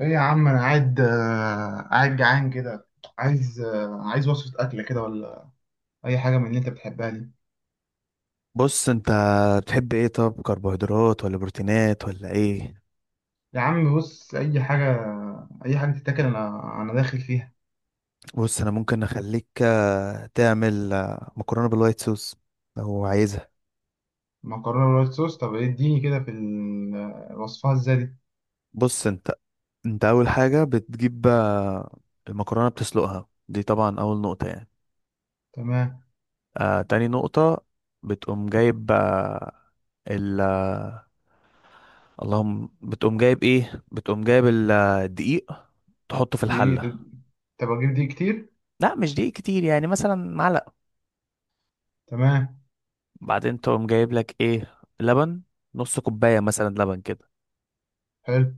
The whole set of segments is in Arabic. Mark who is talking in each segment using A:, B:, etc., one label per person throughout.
A: ايه يا عم انا قاعد جعان كده. عايز وصفة اكلة كده ولا اي حاجة من اللي انت بتحبها دي.
B: بص انت بتحب ايه؟ طب كربوهيدرات ولا بروتينات ولا ايه؟
A: يا عم بص اي حاجة، اي حاجة تتاكل، انا داخل فيها.
B: بص، انا ممكن اخليك تعمل مكرونه بالوايت صوص لو عايزها.
A: مكرونة وايت صوص، طب اديني كده في ال- آه، وصفها ازاي دي.
B: بص انت اول حاجه بتجيب المكرونه بتسلقها، دي طبعا اول نقطه يعني.
A: تمام.
B: تاني نقطه، بتقوم جايب آه ال آه، اللهم بتقوم جايب ايه، بتقوم جايب الدقيق تحطه في
A: دي ايه
B: الحله.
A: طب اجيب دي كتير؟
B: لا، مش دقيق كتير، يعني مثلا معلقه.
A: تمام.
B: بعدين تقوم جايب لك ايه، لبن، نص كوباية مثلا لبن كده،
A: حلو.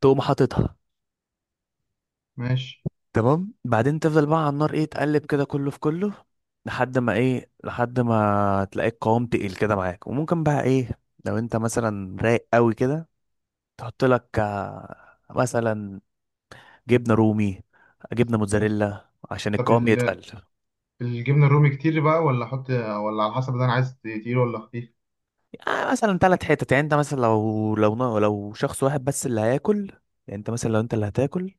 B: تقوم حاططها.
A: ماشي.
B: تمام، بعدين تفضل بقى على النار ايه، تقلب كده كله في كله لحد ما ايه، لحد ما تلاقي القوام تقيل كده معاك. وممكن بقى ايه، لو انت مثلا رايق قوي كده تحط لك مثلا جبنة رومي، جبنة موتزاريلا، عشان
A: طب
B: القوام يتقل.
A: الجبنة الرومي كتير بقى ولا احط، ولا على حسب ده انا عايز تقيل ولا خفيف؟
B: مثلا ثلاث حتت، يعني انت مثلا لو شخص واحد بس اللي هياكل، يعني انت مثلا لو انت اللي هتاكل،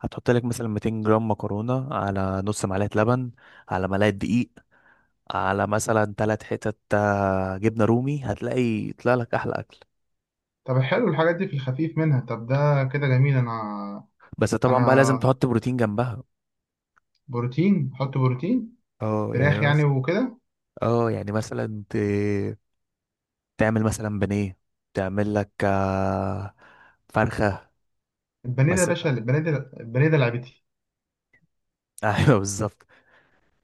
B: هتحط لك مثلا 200 جرام مكرونة على نص معلقة لبن، على ملعقة دقيق، على مثلا ثلاث حتت جبنة رومي، هتلاقي يطلع لك احلى اكل.
A: طب حلو الحاجات دي، في الخفيف منها؟ طب ده كده جميل. انا
B: بس طبعا بقى
A: انا
B: لازم تحط بروتين جنبها.
A: بروتين، حط بروتين،
B: اه، يعني
A: فراخ يعني
B: مثلا،
A: وكده.
B: اه يعني مثلا ت... تعمل مثلا بانيه، تعمل لك فرخة
A: البانيه ده يا
B: بس.
A: باشا، البانيه ده، البانيه ده لعبتي.
B: ايوه بالظبط.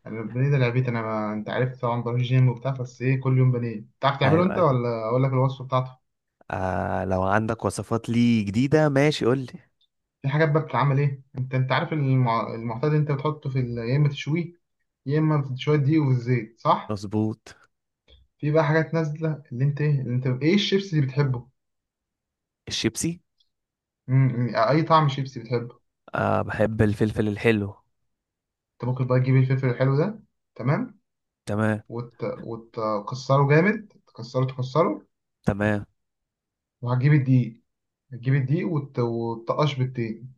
A: يعني البانيه ده لعبتي انا. ما... انت عارف طبعا بروح جيم وبتاع، بس ايه، كل يوم بانيه. تعرف تعمله
B: ايوه
A: انت
B: أيوه.
A: ولا اقول لك الوصفه بتاعته؟
B: آه لو عندك وصفات لي جديدة ماشي قولي.
A: في حاجات بقى بتتعمل ايه، انت عارف المعتاد، انت بتحطه يا اما تشويه، يا اما في شويه دقيق والزيت، صح؟
B: مظبوط.
A: في بقى حاجات نازله اللي انت ايه، اللي انت ايه، الشيبس اللي بتحبه.
B: الشيبسي.
A: اي طعم شيبس بتحبه؟
B: آه بحب الفلفل الحلو.
A: انت ممكن بقى تجيب الفلفل الحلو ده. تمام.
B: تمام.
A: وتكسره جامد، تكسره، تكسره.
B: تمام.
A: وهتجيب الدقيق. تجيب الدقيق وتقش بالتين،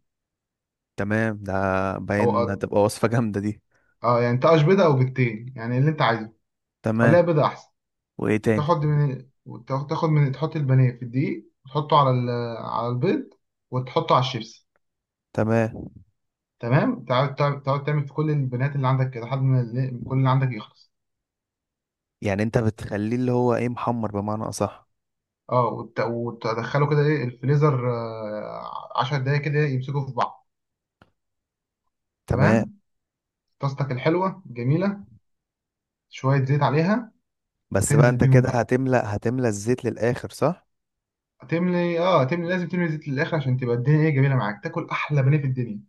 B: تمام. ده باين
A: او
B: هتبقى وصفة جامدة دي.
A: اه يعني تقش بيضه او بالتين يعني اللي انت عايزه.
B: تمام.
A: خليها بيضه احسن.
B: وايه تاني؟
A: تاخد من، تحط البانيه في الدقيق، وتحطه على البيض، وتحطه على الشيبس.
B: تمام.
A: تمام. تقعد تقعد تعمل في كل البنات اللي عندك كده لحد ما كل اللي عندك يخلص.
B: يعني انت بتخليه اللي هو ايه، محمر بمعنى اصح.
A: اه وتدخله كده ايه الفريزر، 10 دقايق كده، يمسكوا في بعض.
B: تمام
A: تمام. طاستك الحلوه جميله، شويه زيت عليها،
B: بس بقى،
A: تنزل
B: انت
A: بيهم
B: كده
A: بقى.
B: هتملأ الزيت للآخر صح؟
A: هتملي، لازم تملي زيت للاخر، عشان تبقى الدنيا ايه، جميله معاك، تاكل احلى بانيه في الدنيا.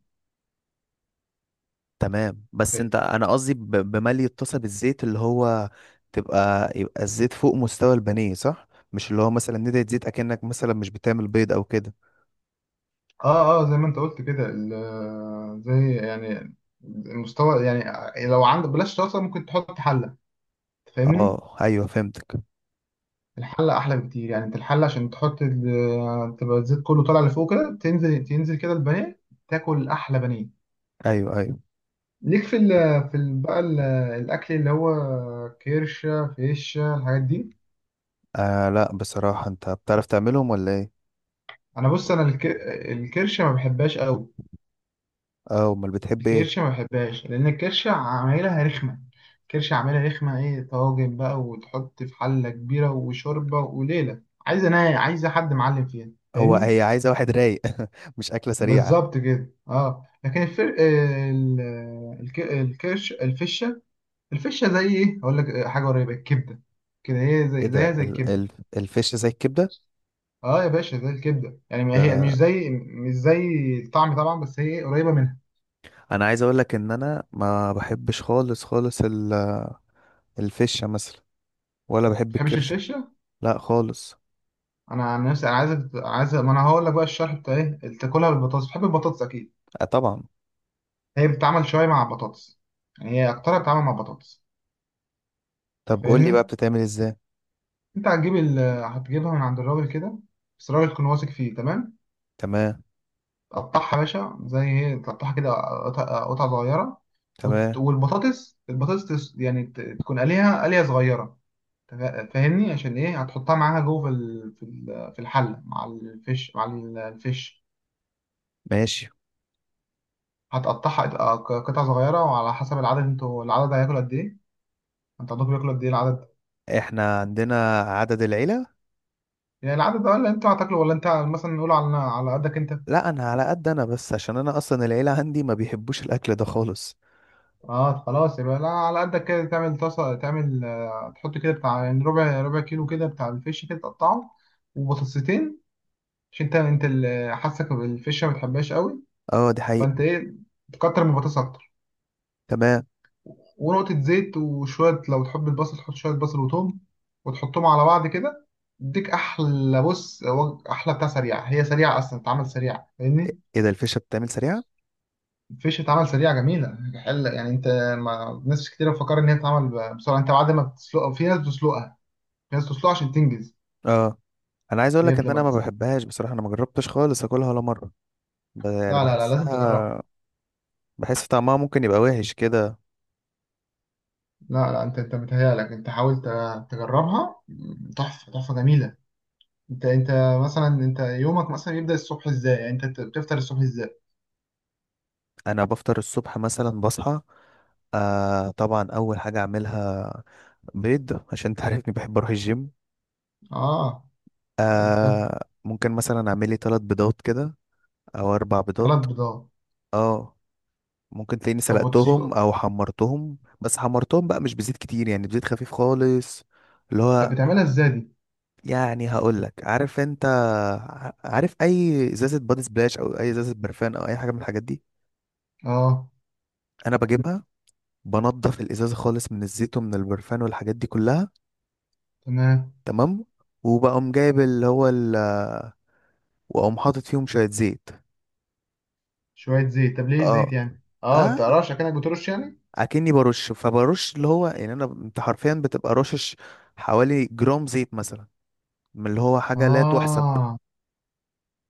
B: تمام، بس انت انا قصدي ب- بملي الطاسه بالزيت، اللي هو تبقى الزيت فوق مستوى البانيه صح؟ مش اللي هو مثلا ندعي زيت اكنك مثلا مش بتعمل بيض او كده.
A: اه اه، زي ما انت قلت كده، زي يعني المستوى. يعني لو عندك بلاش طاسه، ممكن تحط حله. فاهمني؟
B: اه ايوه فهمتك.
A: الحله احلى بكتير. يعني انت الحله عشان تحط تبقى الزيت كله طالع لفوق كده، تنزل، تنزل كده البانيه، تاكل احلى بانيه.
B: ايوه ايوه.
A: ليك في ال في ال بقى ال- الاكل اللي هو كرشه، فيشه، الحاجات دي.
B: آه لا بصراحه، انت بتعرف تعملهم ولا ايه؟
A: انا بص، الكرشه ما بحبهاش قوي.
B: اه امال بتحب ايه؟
A: الكرشة ما بحبهاش، لأن الكرشة عمايلها رخمة. الكرشة عمايلها رخمة إيه، طواجن بقى وتحط في حلة كبيرة وشوربة وليلة. عايزة، أنا عايزة حد معلم فيها.
B: هو
A: فاهمني؟
B: هي عايزه واحد رايق. مش اكله سريعه.
A: بالظبط كده أه. لكن الفر... آه، ال... الك... الكرش، الفشة، الفشة زي إيه، هقول لك حاجة قريبة الكبدة كده.
B: ايه ده؟
A: زيها زي
B: ال
A: الكبدة.
B: ال الفش زي الكبده
A: أه يا باشا زي الكبدة، يعني ما هي
B: ده؟
A: مش زي مش زي الطعم طبعا، بس هي قريبة منها. ما
B: انا عايز اقول لك ان انا ما بحبش خالص خالص الفشه مثلا، ولا بحب
A: بتحبش
B: الكرشه.
A: الفشة؟
B: لا خالص.
A: انا عن نفسي انا عايز ما انا هقول لك بقى الشرح بتاع ايه اللي تاكلها بالبطاطس. بتحب البطاطس اكيد.
B: آه طبعا.
A: هي بتتعمل شويه مع البطاطس. يعني هي اكترها بتتعمل مع البطاطس.
B: طب قول لي بقى،
A: فاهمني؟
B: بتتعمل ازاي؟
A: انت هتجيب ال... هتجيبها من عند الراجل كده، بس الراجل تكون واثق فيه تمام.
B: تمام.
A: تقطعها يا باشا زي ايه، تقطعها كده قطع قطع صغيره. وت...
B: تمام.
A: والبطاطس، البطاطس تس... يعني ت... تكون قليها قليه صغيره. فاهمني، عشان ايه، هتحطها معاها جوه في الحله، مع الفيش، مع الفيش.
B: ماشي.
A: هتقطعها قطع صغيرة، وعلى حسب العدد انتوا. العدد هياكل قد ايه؟ انت عندكم بياكلوا قد ايه العدد؟
B: احنا عندنا عدد العيلة.
A: يعني العدد ده، ولا انت هتاكله، ولا انت مثلا نقول على قدك انت؟
B: لا، انا على قد انا بس، عشان انا اصلا العيلة عندي ما بيحبوش الاكل ده خالص.
A: اه خلاص، يبقى لا، على قدك كده. تعمل طاسة، تعمل تحط كده بتاع يعني ربع كيلو كده بتاع الفيش، كده تقطعه. وبطاطستين، عشان انت اللي حاسك بالفيش ما بتحبهاش قوي.
B: اه دي
A: فانت
B: حقيقة.
A: ايه، تكتر من البطاطس اكتر.
B: تمام.
A: ونقطة زيت، وشوية لو تحب البصل تحط شوية بصل وتوم، وتحطهم على بعض كده. يديك أحلى أحلى بتاع سريعة. هي سريعة أصلا، بتتعمل سريعة. فاهمني؟
B: ايه ده، الفشة بتتعمل سريعة؟
A: الفيش بتتعمل سريعة، جميلة. حلة يعني أنت. ما ناس كتير بتفكر إن هي بتتعمل بسرعة. أنت بعد ما بتسلقها، في ناس بتسلقها، في ناس بتسلقها عشان تنجز.
B: اه. انا عايز اقول
A: هي
B: لك ان
A: لما
B: انا ما
A: تس...
B: بحبهاش بصراحة، انا ما جربتش خالص اكلها ولا مرة. يعني
A: لا لا لا، لازم تجربها.
B: بحسها، بحس طعمها ممكن يبقى وحش كده.
A: لا لا، أنت متهيألك. أنت حاول تجربها، تحفة، تحفة جميلة. أنت مثلا، أنت يومك مثلا يبدأ الصبح إزاي؟ يعني أنت بتفطر الصبح إزاي؟
B: انا بفطر الصبح مثلا، بصحى طبعا اول حاجة اعملها بيض، عشان تعرفني بحب اروح الجيم.
A: اه. انت.
B: آه ممكن مثلا اعمل لي ثلاث بيضات كده، او اربع
A: ثلاث
B: بيضات.
A: بيضات
B: اه. ممكن تلاقيني
A: طب
B: سلقتهم
A: وتسلق؟
B: او حمرتهم، بس حمرتهم بقى مش بزيت كتير، يعني بزيت خفيف خالص. اللي
A: طب
B: هو
A: بتعملها ازاي دي؟
B: يعني هقول لك، عارف انت عارف اي ازازه بادي سبلاش او اي ازازه برفان او اي حاجه من الحاجات دي،
A: اه.
B: انا بجيبها، بنضف الازازه خالص من الزيت ومن البرفان والحاجات دي كلها.
A: تمام.
B: تمام، وبقوم جايب اللي هو ال... واقوم حاطط فيهم شويه زيت.
A: شوية زيت، طب ليه زيت
B: اه
A: يعني؟ اه، انت
B: اه،
A: رش، كأنك بترش يعني.
B: اكني برش، فبرش اللي هو يعني انا انت حرفيا بتبقى رشش، حوالي جرام زيت مثلا، من اللي هو حاجه لا تحسب.
A: اه،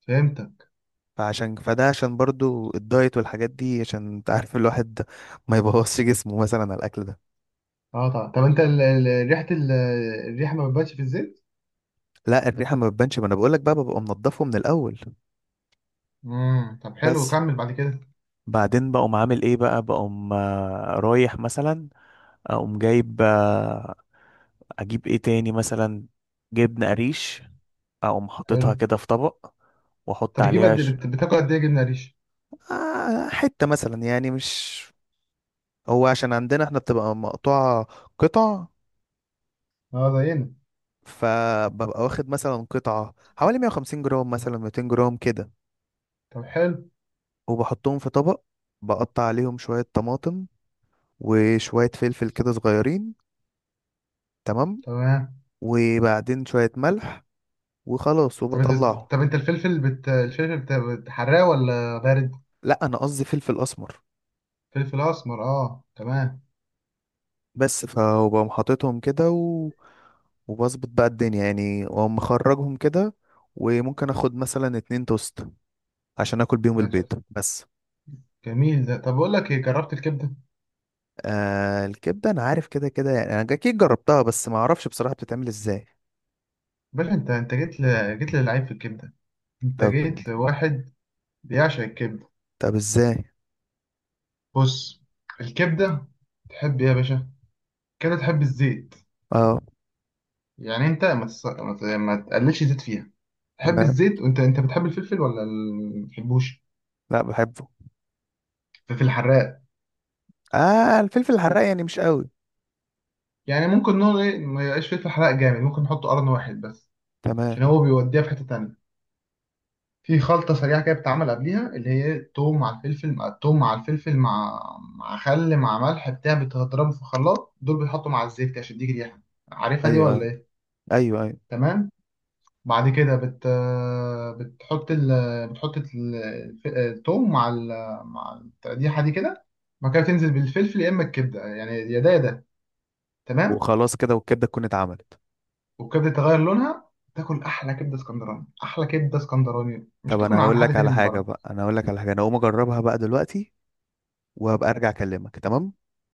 A: فهمتك.
B: فعشان فده عشان برضو الدايت والحاجات دي، عشان انت عارف الواحد ما يبوظش جسمه مثلا على الاكل ده.
A: اه طبعا. طب انت ريحة الريحة ما بتبانش في الزيت؟
B: لا الريحه ما بتبانش، ما انا بقول لك بقى ببقى منضفه من الاول.
A: طب حلو،
B: بس
A: كمل بعد كده.
B: بعدين بقوم عامل ايه بقى، بقوم رايح مثلا، اقوم جايب اجيب ايه تاني مثلا، جبنه قريش، اقوم
A: حلو.
B: حاططها كده في طبق واحط
A: طب بتجيب
B: عليها
A: قد إيه؟ بتاكل قد ايه جبنة قريش؟
B: حتة مثلا يعني، مش هو عشان عندنا احنا بتبقى مقطوعة قطع،
A: اه زينا.
B: فببقى واخد مثلا قطعة حوالي 150 جرام مثلا 200 جرام كده،
A: طب حلو.
B: وبحطهم في طبق، بقطع عليهم شوية طماطم وشوية فلفل كده صغيرين. تمام.
A: تمام.
B: وبعدين شوية ملح وخلاص
A: طب انت
B: وبطلعه.
A: طب انت الفلفل بتحرقه ولا بارد؟
B: لا انا قصدي فلفل اسمر.
A: فلفل اسمر، اه تمام.
B: بس فبقوم حاططهم كده و... وبظبط بقى الدنيا يعني، واقوم مخرجهم كده، وممكن اخد مثلا اتنين توست عشان اكل بيهم البيض بس.
A: جميل ده. طب اقول لك ايه، جربت الكبده؟
B: آه الكبده انا عارف كده كده يعني، انا اكيد جربتها بس ما اعرفش بصراحه بتتعمل ازاي.
A: باشا، انت جيت جيت للعيب في الكبده. انت
B: طب.
A: جيت لواحد بيعشق الكبده.
B: طب ازاي؟
A: بص، الكبده. تحب ايه يا باشا كده، تحب الزيت؟
B: اه.
A: يعني انت ما, تس... ما ت- ما تقللش زيت فيها. تحب
B: تمام.
A: الزيت. وانت، بتحب الفلفل ولا ما بتحبوش؟
B: لا بحبه.
A: الفلفل الحراق.
B: اه الفلفل الحراق يعني مش قوي.
A: يعني ممكن نقول ايه، ما يبقاش فلفل حراق جامد، ممكن نحطه قرن واحد بس، عشان
B: تمام.
A: هو بيوديها في حته تانية. في خلطة سريعة كده بتتعمل قبليها، اللي هي التوم مع الفلفل، مع خل، مع ملح بتاع، بتضربه في الخلاط، دول بيتحطوا مع الزيت كده عشان يديك ريحة. عارفها دي
B: ايوه
A: ولا
B: ايوه.
A: ايه؟
B: ايوه ايوه.
A: تمام. بعد كده بت بتحط ال... بتحط ال- الف- التوم مع مع التقديحة دي كده. بعد كده تنزل بالفلفل، يا اما الكبدة يعني، يا ده يا ده. تمام.
B: وخلاص كده والكبده تكون اتعملت.
A: والكبدة تغير لونها، تاكل احلى كبدة اسكندراني. احلى كبدة اسكندراني مش
B: طب
A: هتاكل
B: انا
A: من عند
B: هقول لك
A: حد تاني
B: على
A: من
B: حاجه
A: بره.
B: بقى، انا هقول لك على حاجه، انا هقوم اجربها بقى دلوقتي وهبقى ارجع اكلمك. تمام.